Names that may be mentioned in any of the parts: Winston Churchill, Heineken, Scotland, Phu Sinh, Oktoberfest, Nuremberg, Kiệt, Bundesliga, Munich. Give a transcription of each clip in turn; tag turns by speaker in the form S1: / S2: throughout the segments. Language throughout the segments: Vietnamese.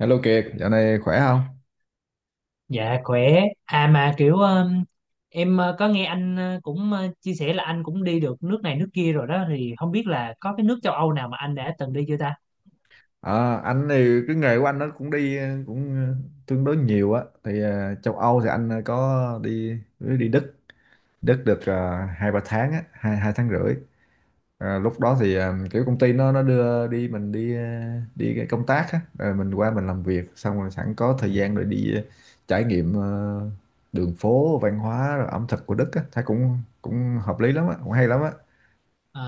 S1: Hello Kiệt, dạo này khỏe không?
S2: Dạ khỏe. À mà kiểu em có nghe anh cũng chia sẻ là anh cũng đi được nước này nước kia rồi đó, thì không biết là có cái nước châu Âu nào mà anh đã từng đi chưa ta?
S1: À, anh thì cái nghề của anh nó cũng đi cũng tương đối nhiều á. Thì châu Âu thì anh có đi đi Đức, Đức được hai ba tháng á, hai hai tháng rưỡi. Lúc đó thì kiểu công ty nó đưa đi mình đi đi cái công tác á, rồi mình qua mình làm việc, xong rồi sẵn có thời gian rồi đi trải nghiệm đường phố, văn hóa, rồi ẩm thực của Đức á, thấy cũng cũng hợp lý lắm á, cũng hay lắm á.
S2: À,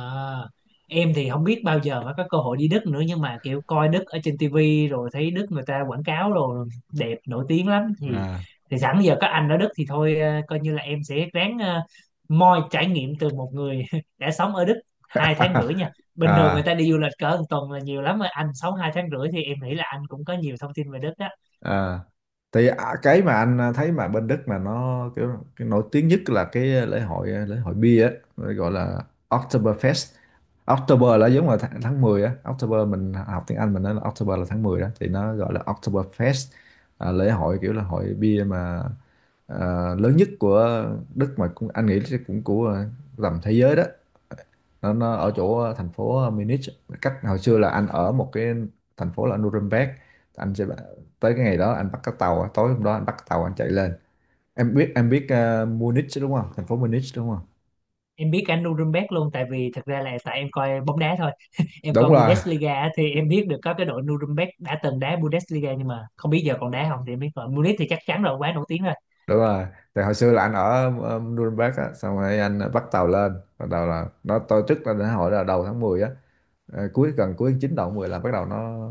S2: em thì không biết bao giờ mới có cơ hội đi Đức nữa, nhưng mà kiểu coi Đức ở trên tivi rồi thấy Đức người ta quảng cáo rồi đẹp nổi tiếng lắm thì
S1: À.
S2: thì sẵn giờ có anh ở Đức thì thôi, coi như là em sẽ ráng moi trải nghiệm từ một người đã sống ở Đức 2 tháng rưỡi nha. Bình thường người
S1: à
S2: ta đi du lịch cỡ một tuần là nhiều lắm rồi, anh sống 2 tháng rưỡi thì em nghĩ là anh cũng có nhiều thông tin về Đức đó.
S1: à cái mà anh thấy mà bên Đức mà nó kiểu cái nổi tiếng nhất là cái lễ hội bia á, gọi là Oktoberfest. October là giống là tháng 10 á, October mình học tiếng Anh mình nói là October là tháng 10 đó thì nó gọi là Oktoberfest. Lễ hội kiểu là hội bia mà à, lớn nhất của Đức mà cũng anh nghĩ chắc cũng của tầm thế giới đó. Nó ở chỗ thành phố Munich, cách hồi xưa là anh ở một cái thành phố là Nuremberg. Anh sẽ tới cái ngày đó anh bắt cái tàu, tối hôm đó anh bắt cái tàu anh chạy lên. Em biết em biết
S2: Ờ.
S1: Munich đúng không, thành phố Munich đúng không?
S2: Em biết anh, Nuremberg luôn, tại vì thực ra là tại em coi bóng đá thôi. Em coi
S1: Đúng rồi,
S2: Bundesliga á, thì em biết được có cái đội Nuremberg đã từng đá Bundesliga, nhưng mà không biết giờ còn đá không. Thì em biết rồi, Munich thì chắc chắn rồi, quá nổi tiếng rồi.
S1: đúng rồi. Thì hồi xưa là anh ở Nuremberg á, xong rồi anh bắt tàu lên, bắt đầu là nó tôi trước là đến hồi là đầu tháng 10 á. Cuối gần cuối tháng 9 đầu tháng 10 là bắt đầu nó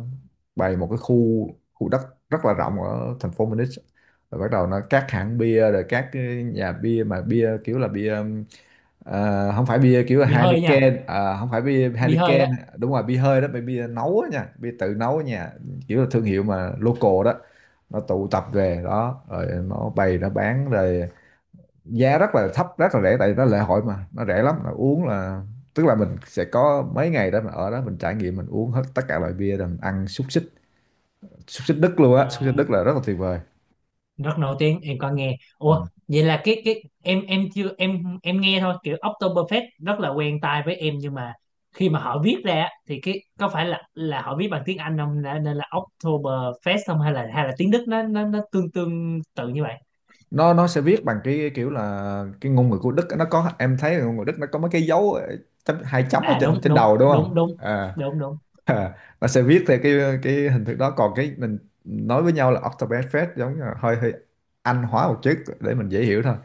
S1: bày một cái khu, khu đất rất là rộng ở thành phố Munich. Rồi bắt đầu nó các hãng bia rồi các cái nhà bia mà bia kiểu là bia không phải bia kiểu là
S2: Bị hơi nha,
S1: Heineken, không phải bia
S2: bị hơi
S1: Heineken.
S2: á.
S1: Đúng rồi, bia hơi đó, bia nấu á nha, bia tự nấu ở nhà, kiểu là thương hiệu mà local đó. Nó tụ tập về đó rồi nó bày nó bán rồi, giá rất là thấp, rất là rẻ, tại vì nó lễ hội mà nó rẻ lắm là uống là tức là mình sẽ có mấy ngày đó mà ở đó mình trải nghiệm, mình uống hết tất cả loại bia, rồi mình ăn xúc xích, xúc xích Đức luôn
S2: Ờ,
S1: á, xúc xích Đức là rất là tuyệt vời.
S2: rất nổi tiếng em có nghe.
S1: Ừ.
S2: Ủa vậy là cái em chưa em nghe thôi, kiểu Oktoberfest rất là quen tai với em, nhưng mà khi mà họ viết ra á, thì cái có phải là họ viết bằng tiếng Anh không, nên là Oktoberfest không, hay là tiếng Đức nó tương tương tự như vậy?
S1: nó sẽ viết bằng cái kiểu là cái ngôn ngữ của Đức á, nó có, em thấy là ngôn ngữ Đức nó có mấy cái dấu chấm, hai chấm ở
S2: À,
S1: trên
S2: đúng
S1: trên
S2: đúng
S1: đầu đúng không?
S2: đúng đúng.
S1: à,
S2: Đúng đúng.
S1: nó sẽ viết theo cái hình thức đó, còn cái mình nói với nhau là Oktoberfest giống như là hơi hơi Anh hóa một chút để mình dễ hiểu thôi.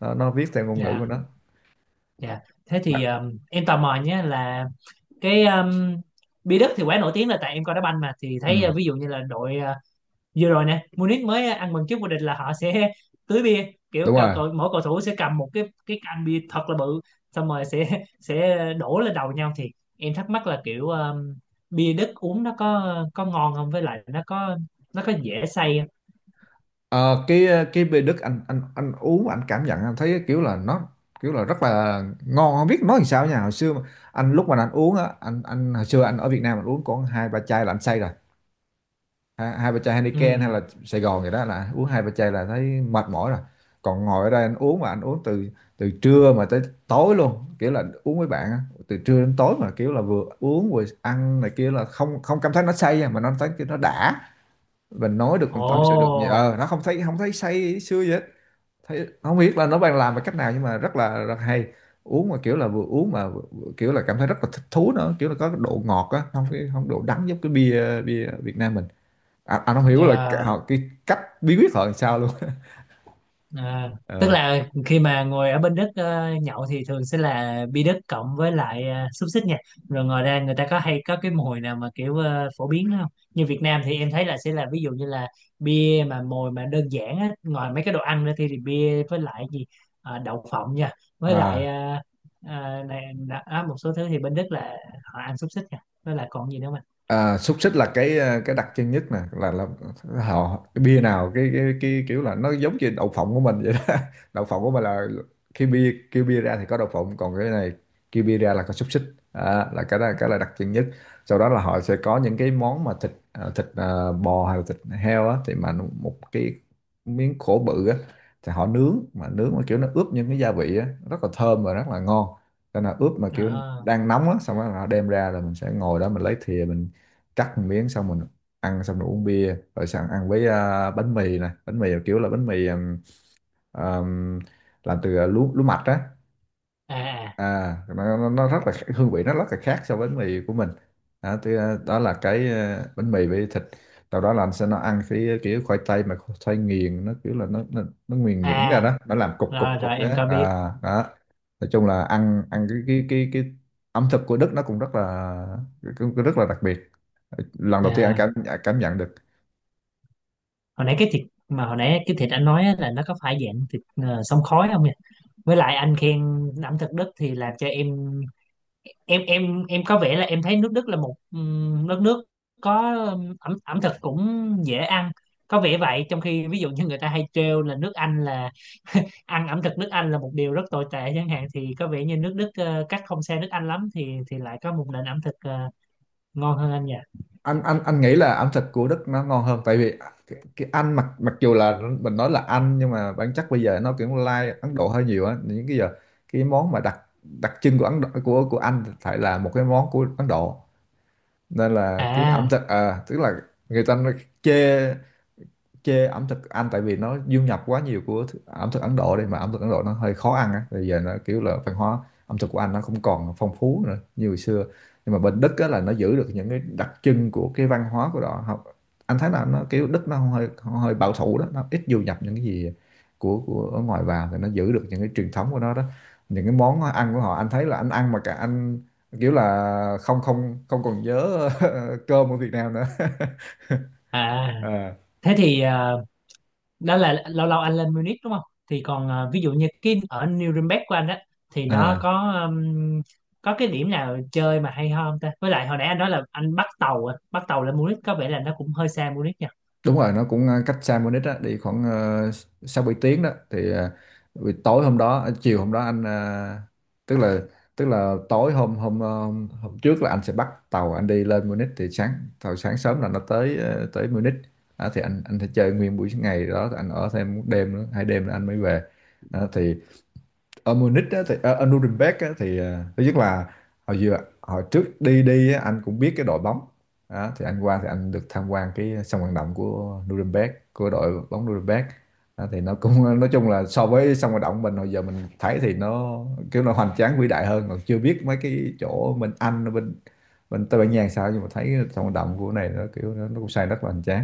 S1: Nó viết theo ngôn ngữ của
S2: Dạ.
S1: nó.
S2: Dạ. Thế thì em tò mò nhé là cái Bi Đức thì quá nổi tiếng, là tại em coi đá banh mà thì
S1: Ừ.
S2: thấy, ví dụ như là đội vừa rồi nè, Munich mới ăn mừng trước vô địch là họ sẽ tưới bia, kiểu
S1: Đúng
S2: cầu,
S1: rồi.
S2: cầu, mỗi cầu thủ sẽ cầm một cái can bia thật là bự, xong rồi sẽ đổ lên đầu nhau. Thì em thắc mắc là kiểu bia Đức uống nó có ngon không, với lại nó có dễ say không?
S1: Cái bia Đức anh uống, anh cảm nhận, anh thấy kiểu là nó kiểu là rất là ngon, không biết nói làm sao nha. Hồi xưa mà, anh lúc mà anh uống á, anh hồi xưa anh ở Việt Nam anh uống còn hai ba chai là anh say rồi. Hai ba chai Heineken hay
S2: Ừ.
S1: là Sài Gòn gì đó là uống hai ba chai là thấy mệt mỏi rồi. Còn ngồi ở đây anh uống mà anh uống từ từ trưa mà tới tối luôn, kiểu là uống với bạn á, từ trưa đến tối mà kiểu là vừa uống vừa ăn này kia là không không cảm thấy nó say nha, mà nó thấy nó đã, mình nói được mình tâm sự được nhiều,
S2: Ồ.
S1: nó không thấy không thấy say sưa gì hết. Thấy không biết là nó bạn làm bằng cách nào nhưng mà rất là rất hay. Uống mà kiểu là vừa uống mà vừa kiểu là cảm thấy rất là thích thú nữa, kiểu là có cái độ ngọt á, không cái không độ đắng giống cái bia bia Việt Nam mình. Anh không hiểu là
S2: Dạ.
S1: họ cái cách bí quyết họ làm sao luôn.
S2: À, tức
S1: Ờ.
S2: là khi mà ngồi ở bên Đức nhậu thì thường sẽ là bia Đức cộng với lại xúc xích nha. Rồi ngoài ra người ta có hay có cái mồi nào mà kiểu phổ biến đó không? Như Việt Nam thì em thấy là sẽ là ví dụ như là bia mà mồi mà đơn giản á, ngoài mấy cái đồ ăn ra thì bia với lại gì. Ờ, đậu phộng nha, với lại
S1: À.
S2: này, đã, á, một số thứ thì bên Đức là họ ăn xúc xích nha, với lại còn gì nữa mà.
S1: À, xúc xích là cái cái đặc trưng nhất nè là họ cái bia nào cái kiểu là nó giống như đậu phộng của mình vậy đó. Đậu phộng của mình là khi bia kêu bia ra thì có đậu phộng, còn cái này kêu bia ra là có xúc xích. Là cái đó cái là đặc trưng nhất. Sau đó là họ sẽ có những cái món mà bò hay là thịt heo á, thì mà một cái miếng khổ bự á, thì họ nướng mà kiểu nó ướp những cái gia vị á rất là thơm và rất là ngon, cho nên là ướp mà kiểu
S2: Ờ.
S1: đang nóng á, xong rồi họ đem ra là mình sẽ ngồi đó mình lấy thìa, mình cắt một miếng xong mình ăn, xong rồi uống bia, rồi xong ăn với bánh mì nè, bánh mì kiểu là bánh mì ừm, làm từ lúa lúa mạch á.
S2: À à.
S1: Nó rất là hương vị nó rất là khác so với bánh mì của mình. Đó, thì,
S2: Ừ.
S1: đó là cái bánh mì với thịt. Sau đó là anh sẽ nó ăn cái kiểu khoai tây mà khoai tây nghiền, nó kiểu là nó nghiền nhuyễn ra
S2: À,
S1: đó, nó làm cục cục
S2: rồi
S1: cục
S2: rồi
S1: á.
S2: em có biết.
S1: Đó, nói chung là ăn ăn cái ẩm thực của Đức nó cũng rất là, cũng cũng rất là đặc biệt, lần đầu tiên anh
S2: À.
S1: cảm cảm nhận được.
S2: hồi nãy cái thịt hồi nãy cái thịt anh nói á, là nó có phải dạng thịt xông khói không nhỉ? Với lại anh khen ẩm thực Đức thì làm cho em có vẻ là em thấy nước Đức là một đất nước có ẩm ẩm thực cũng dễ ăn, có vẻ vậy. Trong khi ví dụ như người ta hay trêu là nước Anh là, ăn ẩm thực nước Anh là một điều rất tồi tệ chẳng hạn, thì có vẻ như nước Đức cách không xa nước Anh lắm, thì lại có một nền ẩm thực ngon hơn anh nhỉ?
S1: Anh nghĩ là ẩm thực của Đức nó ngon hơn tại vì cái Anh, mặc mặc dù là mình nói là Anh, nhưng mà bản chất bây giờ nó kiểu lai Ấn Độ hơi nhiều á, những cái giờ cái món mà đặc đặc trưng của Ấn Độ, của Anh phải là một cái món của Ấn Độ, nên là cái
S2: À.
S1: ẩm thực tức là người ta nó chê chê ẩm thực Anh tại vì nó du nhập quá nhiều của ẩm thực Ấn Độ đây, mà ẩm thực Ấn Độ nó hơi khó ăn á, bây giờ nó kiểu là văn hóa ẩm thực của Anh nó không còn phong phú nữa như hồi xưa. Nhưng mà bên Đức á, là nó giữ được những cái đặc trưng của cái văn hóa của họ Họ- Anh thấy là nó kiểu Đức nó hơi hơi bảo thủ đó, nó ít du nhập những cái gì của ở ngoài vào, thì nó giữ được những cái truyền thống của nó đó. Những cái món ăn của họ anh thấy là anh ăn mà cả anh kiểu là không không không còn nhớ cơm ở Việt Nam nữa.
S2: À. Thế thì đó là lâu lâu anh lên Munich đúng không? Thì còn ví dụ như cái ở Nuremberg của anh á, thì nó
S1: À.
S2: có cái điểm nào chơi mà hay ho không ta? Với lại hồi nãy anh nói là anh bắt tàu á, bắt tàu lên Munich, có vẻ là nó cũng hơi xa Munich nha.
S1: Đúng rồi nó cũng cách xa Munich á, đi khoảng 6 7 tiếng đó, thì buổi tối hôm đó, chiều hôm đó anh tức là tức là tối hôm hôm hôm trước là anh sẽ bắt tàu anh đi lên Munich, thì sáng, tàu sáng sớm là nó tới Munich. Đó, thì anh sẽ chơi nguyên buổi ngày đó, anh ở thêm một đêm nữa, hai đêm nữa anh mới về. Đó, thì ở Munich á, thì ở Nuremberg á, thì thứ nhất là hồi hồi trước đi đi á, anh cũng biết cái đội bóng. Đó, thì anh qua thì anh được tham quan cái sân vận động của Nuremberg của đội bóng Nuremberg. Đó, thì nó cũng nói chung là so với sân vận động mình hồi giờ mình thấy thì nó kiểu nó hoành tráng vĩ đại hơn, còn chưa biết mấy cái chỗ bên Anh bên, bên Tây Ban Nha làm sao, nhưng mà thấy sân vận động của này nó kiểu nó cũng xây rất là hoành tráng.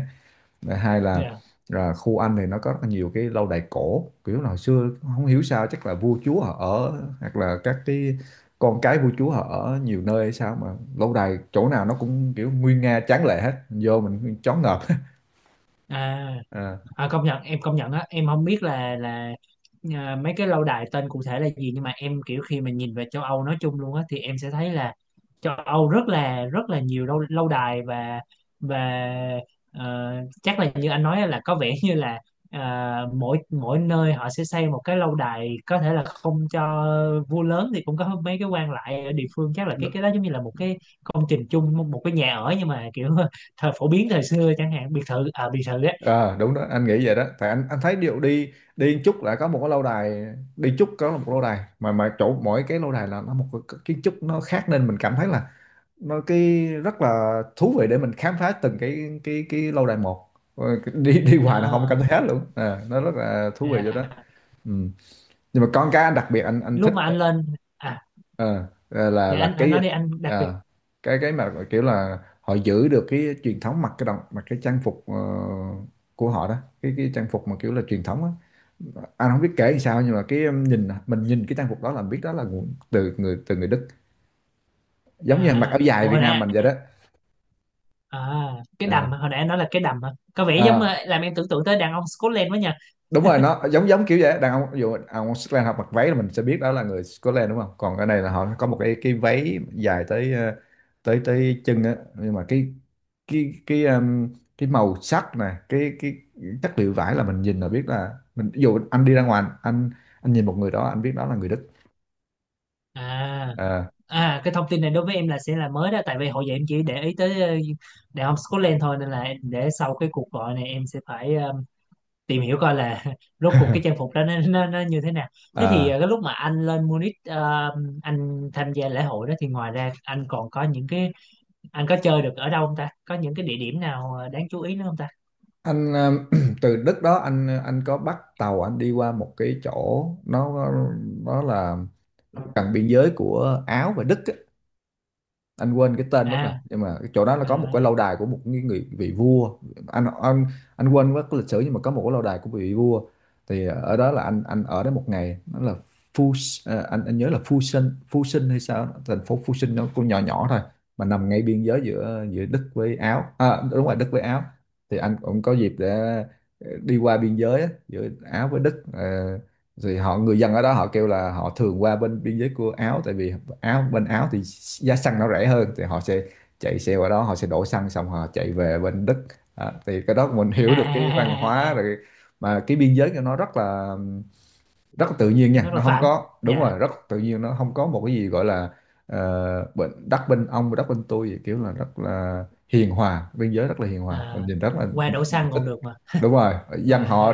S1: Và hai
S2: Yeah.
S1: là khu Anh thì nó có rất là nhiều cái lâu đài cổ, kiểu là hồi xưa không hiểu sao chắc là vua chúa họ ở, hoặc là các cái con cái vua chúa họ ở nhiều nơi hay sao mà lâu đài chỗ nào nó cũng kiểu nguy nga tráng lệ hết, mình vô mình choáng ngợp.
S2: À.
S1: à,
S2: À, công nhận, em công nhận á, em không biết là à, mấy cái lâu đài tên cụ thể là gì, nhưng mà em kiểu khi mà nhìn về châu Âu nói chung luôn á, thì em sẽ thấy là châu Âu rất là nhiều lâu lâu đài, và ờ, chắc là như anh nói á, là có vẻ như là, à, mỗi mỗi nơi họ sẽ xây một cái lâu đài, có thể là không cho vua lớn thì cũng có mấy cái quan lại ở địa phương. Chắc là cái
S1: đ-
S2: cái đó giống như là một cái công trình chung, một cái nhà ở, nhưng mà kiểu thời phổ biến thời xưa chẳng hạn, biệt thự à, biệt thự á.
S1: đúng đó anh nghĩ vậy đó, tại anh thấy điệu đi đi một chút là có một cái lâu đài, đi chút có một lâu đài, mà chỗ mỗi cái lâu đài là nó một cái kiến trúc nó khác, nên mình cảm thấy là nó cái rất là thú vị để mình khám phá từng cái cái lâu đài một. Ờ, đi đi hoài là không
S2: Ờ.
S1: cảm thấy hết luôn à, nó rất là thú vị chỗ đó.
S2: À,
S1: Ừ. Nhưng mà con cá anh đặc biệt anh
S2: lúc
S1: thích,
S2: mà anh lên. À.
S1: ờ,
S2: Dạ
S1: là
S2: anh
S1: cái,
S2: nói đi, anh đặc biệt.
S1: à, cái mà kiểu là họ giữ được cái truyền thống mặc cái đồng mặc cái trang phục, của họ đó. Cái trang phục mà kiểu là truyền thống á. Anh không biết kể làm sao nhưng mà cái, nhìn mình nhìn cái trang phục đó là biết đó là từ người Đức, giống như anh mặc
S2: À,
S1: áo dài
S2: ủa
S1: Việt
S2: hồi
S1: Nam
S2: nãy.
S1: mình vậy đó.
S2: À, cái đầm hồi nãy anh nói là cái đầm hả? Có vẻ giống
S1: À,
S2: làm em tưởng tượng tới đàn ông Scotland quá nha.
S1: đúng rồi, nó giống giống kiểu vậy á. Đàn ông ví dụ ông Scotland họ mặc váy là mình sẽ biết đó là người Scotland đúng không, còn ở đây là họ có một cái váy dài tới, tới tới chân á. Nhưng mà cái cái um, cái màu sắc nè, cái chất liệu vải là mình nhìn là biết là, mình ví dụ anh đi ra ngoài anh, nhìn một người đó anh biết đó là người Đức.
S2: À.
S1: Ờ,
S2: À, cái thông tin này đối với em là sẽ là mới đó, tại vì hồi giờ em chỉ để ý tới đàn ông Scotland thôi, nên là em, để sau cái cuộc gọi này em sẽ phải tìm hiểu coi là rốt cuộc cái trang phục đó nó như thế nào. Thế thì
S1: ờ.
S2: cái lúc mà anh lên Munich anh tham gia lễ hội đó, thì ngoài ra anh còn có những cái, anh có chơi được ở đâu không ta, có những cái địa điểm nào đáng chú ý nữa không ta?
S1: Anh, từ Đức đó anh có bắt tàu anh đi qua một cái chỗ nó là gần biên giới của Áo và Đức. Anh quên cái tên mất
S2: À.
S1: rồi nhưng mà cái chỗ đó là
S2: À.
S1: có một cái lâu đài của một cái người vị vua. Anh anh anh quên mất cái lịch sử nhưng mà có một cái lâu đài của vị vua. Thì ở đó là anh ở đó một ngày, nó là Phu, à, anh nhớ là Phu Sinh, Phu Sinh hay sao đó. Thành phố Phu Sinh nó cũng nhỏ nhỏ thôi mà nằm ngay biên giới giữa giữa Đức với Áo, à, đúng rồi, Đức với Áo. Thì anh cũng có dịp để đi qua biên giới á, giữa Áo với Đức. Ờ, rồi họ, người dân ở đó họ kêu là họ thường qua bên biên giới của Áo, tại vì Áo, bên Áo thì giá xăng nó rẻ hơn, thì họ sẽ chạy xe qua đó, họ sẽ đổ xăng xong họ chạy về bên Đức. À, thì cái đó mình
S2: À.
S1: hiểu
S2: À.
S1: được cái văn
S2: À. À.
S1: hóa
S2: À. À.
S1: rồi. Mà cái biên giới của nó rất là, rất là tự nhiên nha,
S2: Rất
S1: nó
S2: là
S1: không
S2: phản.
S1: có, đúng
S2: Dạ.
S1: rồi, rất tự nhiên, nó không có một cái gì gọi là, bên đất bên ông, đất bên tôi vậy, kiểu là rất là hiền hòa, biên giới rất là hiền hòa,
S2: À,
S1: mình nhìn
S2: qua
S1: rất
S2: đổ
S1: là
S2: xăng
S1: thích.
S2: còn được mà.
S1: Đúng rồi, dân họ,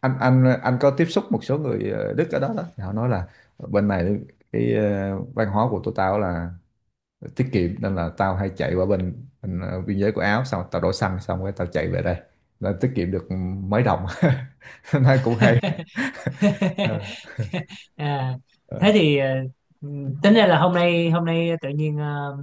S1: anh có tiếp xúc một số người, Đức ở đó đó, thì họ nói là bên này cái, văn hóa của tụi tao là tiết kiệm, nên là tao hay chạy qua bên, bên, biên giới của Áo, xong tao đổ xăng xong rồi tao chạy về đây là tiết kiệm được mấy đồng. Nó cũng hay. Ờ,
S2: À,
S1: ờ.
S2: thế thì tính ra là hôm nay tự nhiên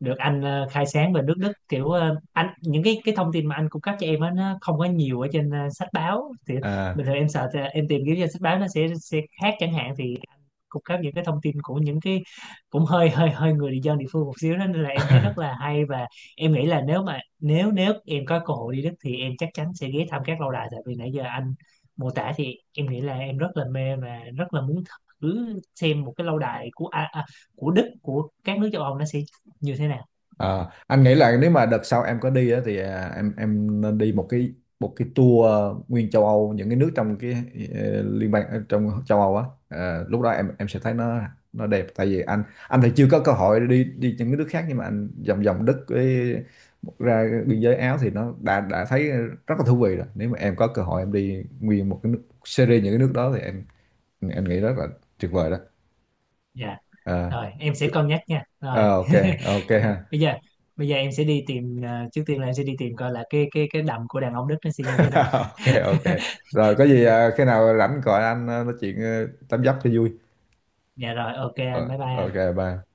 S2: được anh khai sáng về nước Đức, kiểu anh, những cái thông tin mà anh cung cấp cho em á nó không có nhiều ở trên sách báo. Thì
S1: À,
S2: bình thường em sợ thì em tìm kiếm trên sách báo nó sẽ khác chẳng hạn, thì anh cung cấp những cái thông tin của những cái cũng hơi hơi hơi người dân địa phương một xíu đó, nên là em thấy rất là hay. Và em nghĩ là nếu mà nếu nếu em có cơ hội đi Đức, thì em chắc chắn sẽ ghé thăm các lâu đài, tại vì nãy giờ anh mô tả thì em nghĩ là em rất là mê và rất là muốn thử xem một cái lâu đài của của Đức, của các nước châu Âu nó sẽ như thế nào.
S1: ờ, anh nghĩ là nếu mà đợt sau em có đi á, thì à, em nên đi một cái, một cái tour, nguyên châu Âu, những cái nước trong cái, liên bang, trong châu Âu á. Ờ, lúc đó em sẽ thấy nó đẹp. Tại vì anh thì chưa có cơ hội đi đi những cái nước khác, nhưng mà anh vòng vòng Đức với ra biên giới Áo thì nó đã thấy rất là thú vị rồi. Nếu mà em có cơ hội em đi nguyên một cái nước series những cái nước đó thì em nghĩ rất là tuyệt vời đó.
S2: Dạ
S1: Ờ,
S2: rồi, em sẽ
S1: cứ-
S2: cân nhắc nha rồi.
S1: ờ, ok, ok ha.
S2: bây giờ bây giờ em sẽ đi tìm, à, trước tiên là em sẽ đi tìm coi là cái đầm của đàn ông Đức nó sẽ như thế nào.
S1: Ok, ok, rồi có gì à, khi nào rảnh gọi anh à, nói chuyện à, tám dấp cho vui.
S2: Dạ rồi, ok
S1: Ờ,
S2: anh, bye bye
S1: ok,
S2: anh.
S1: bye.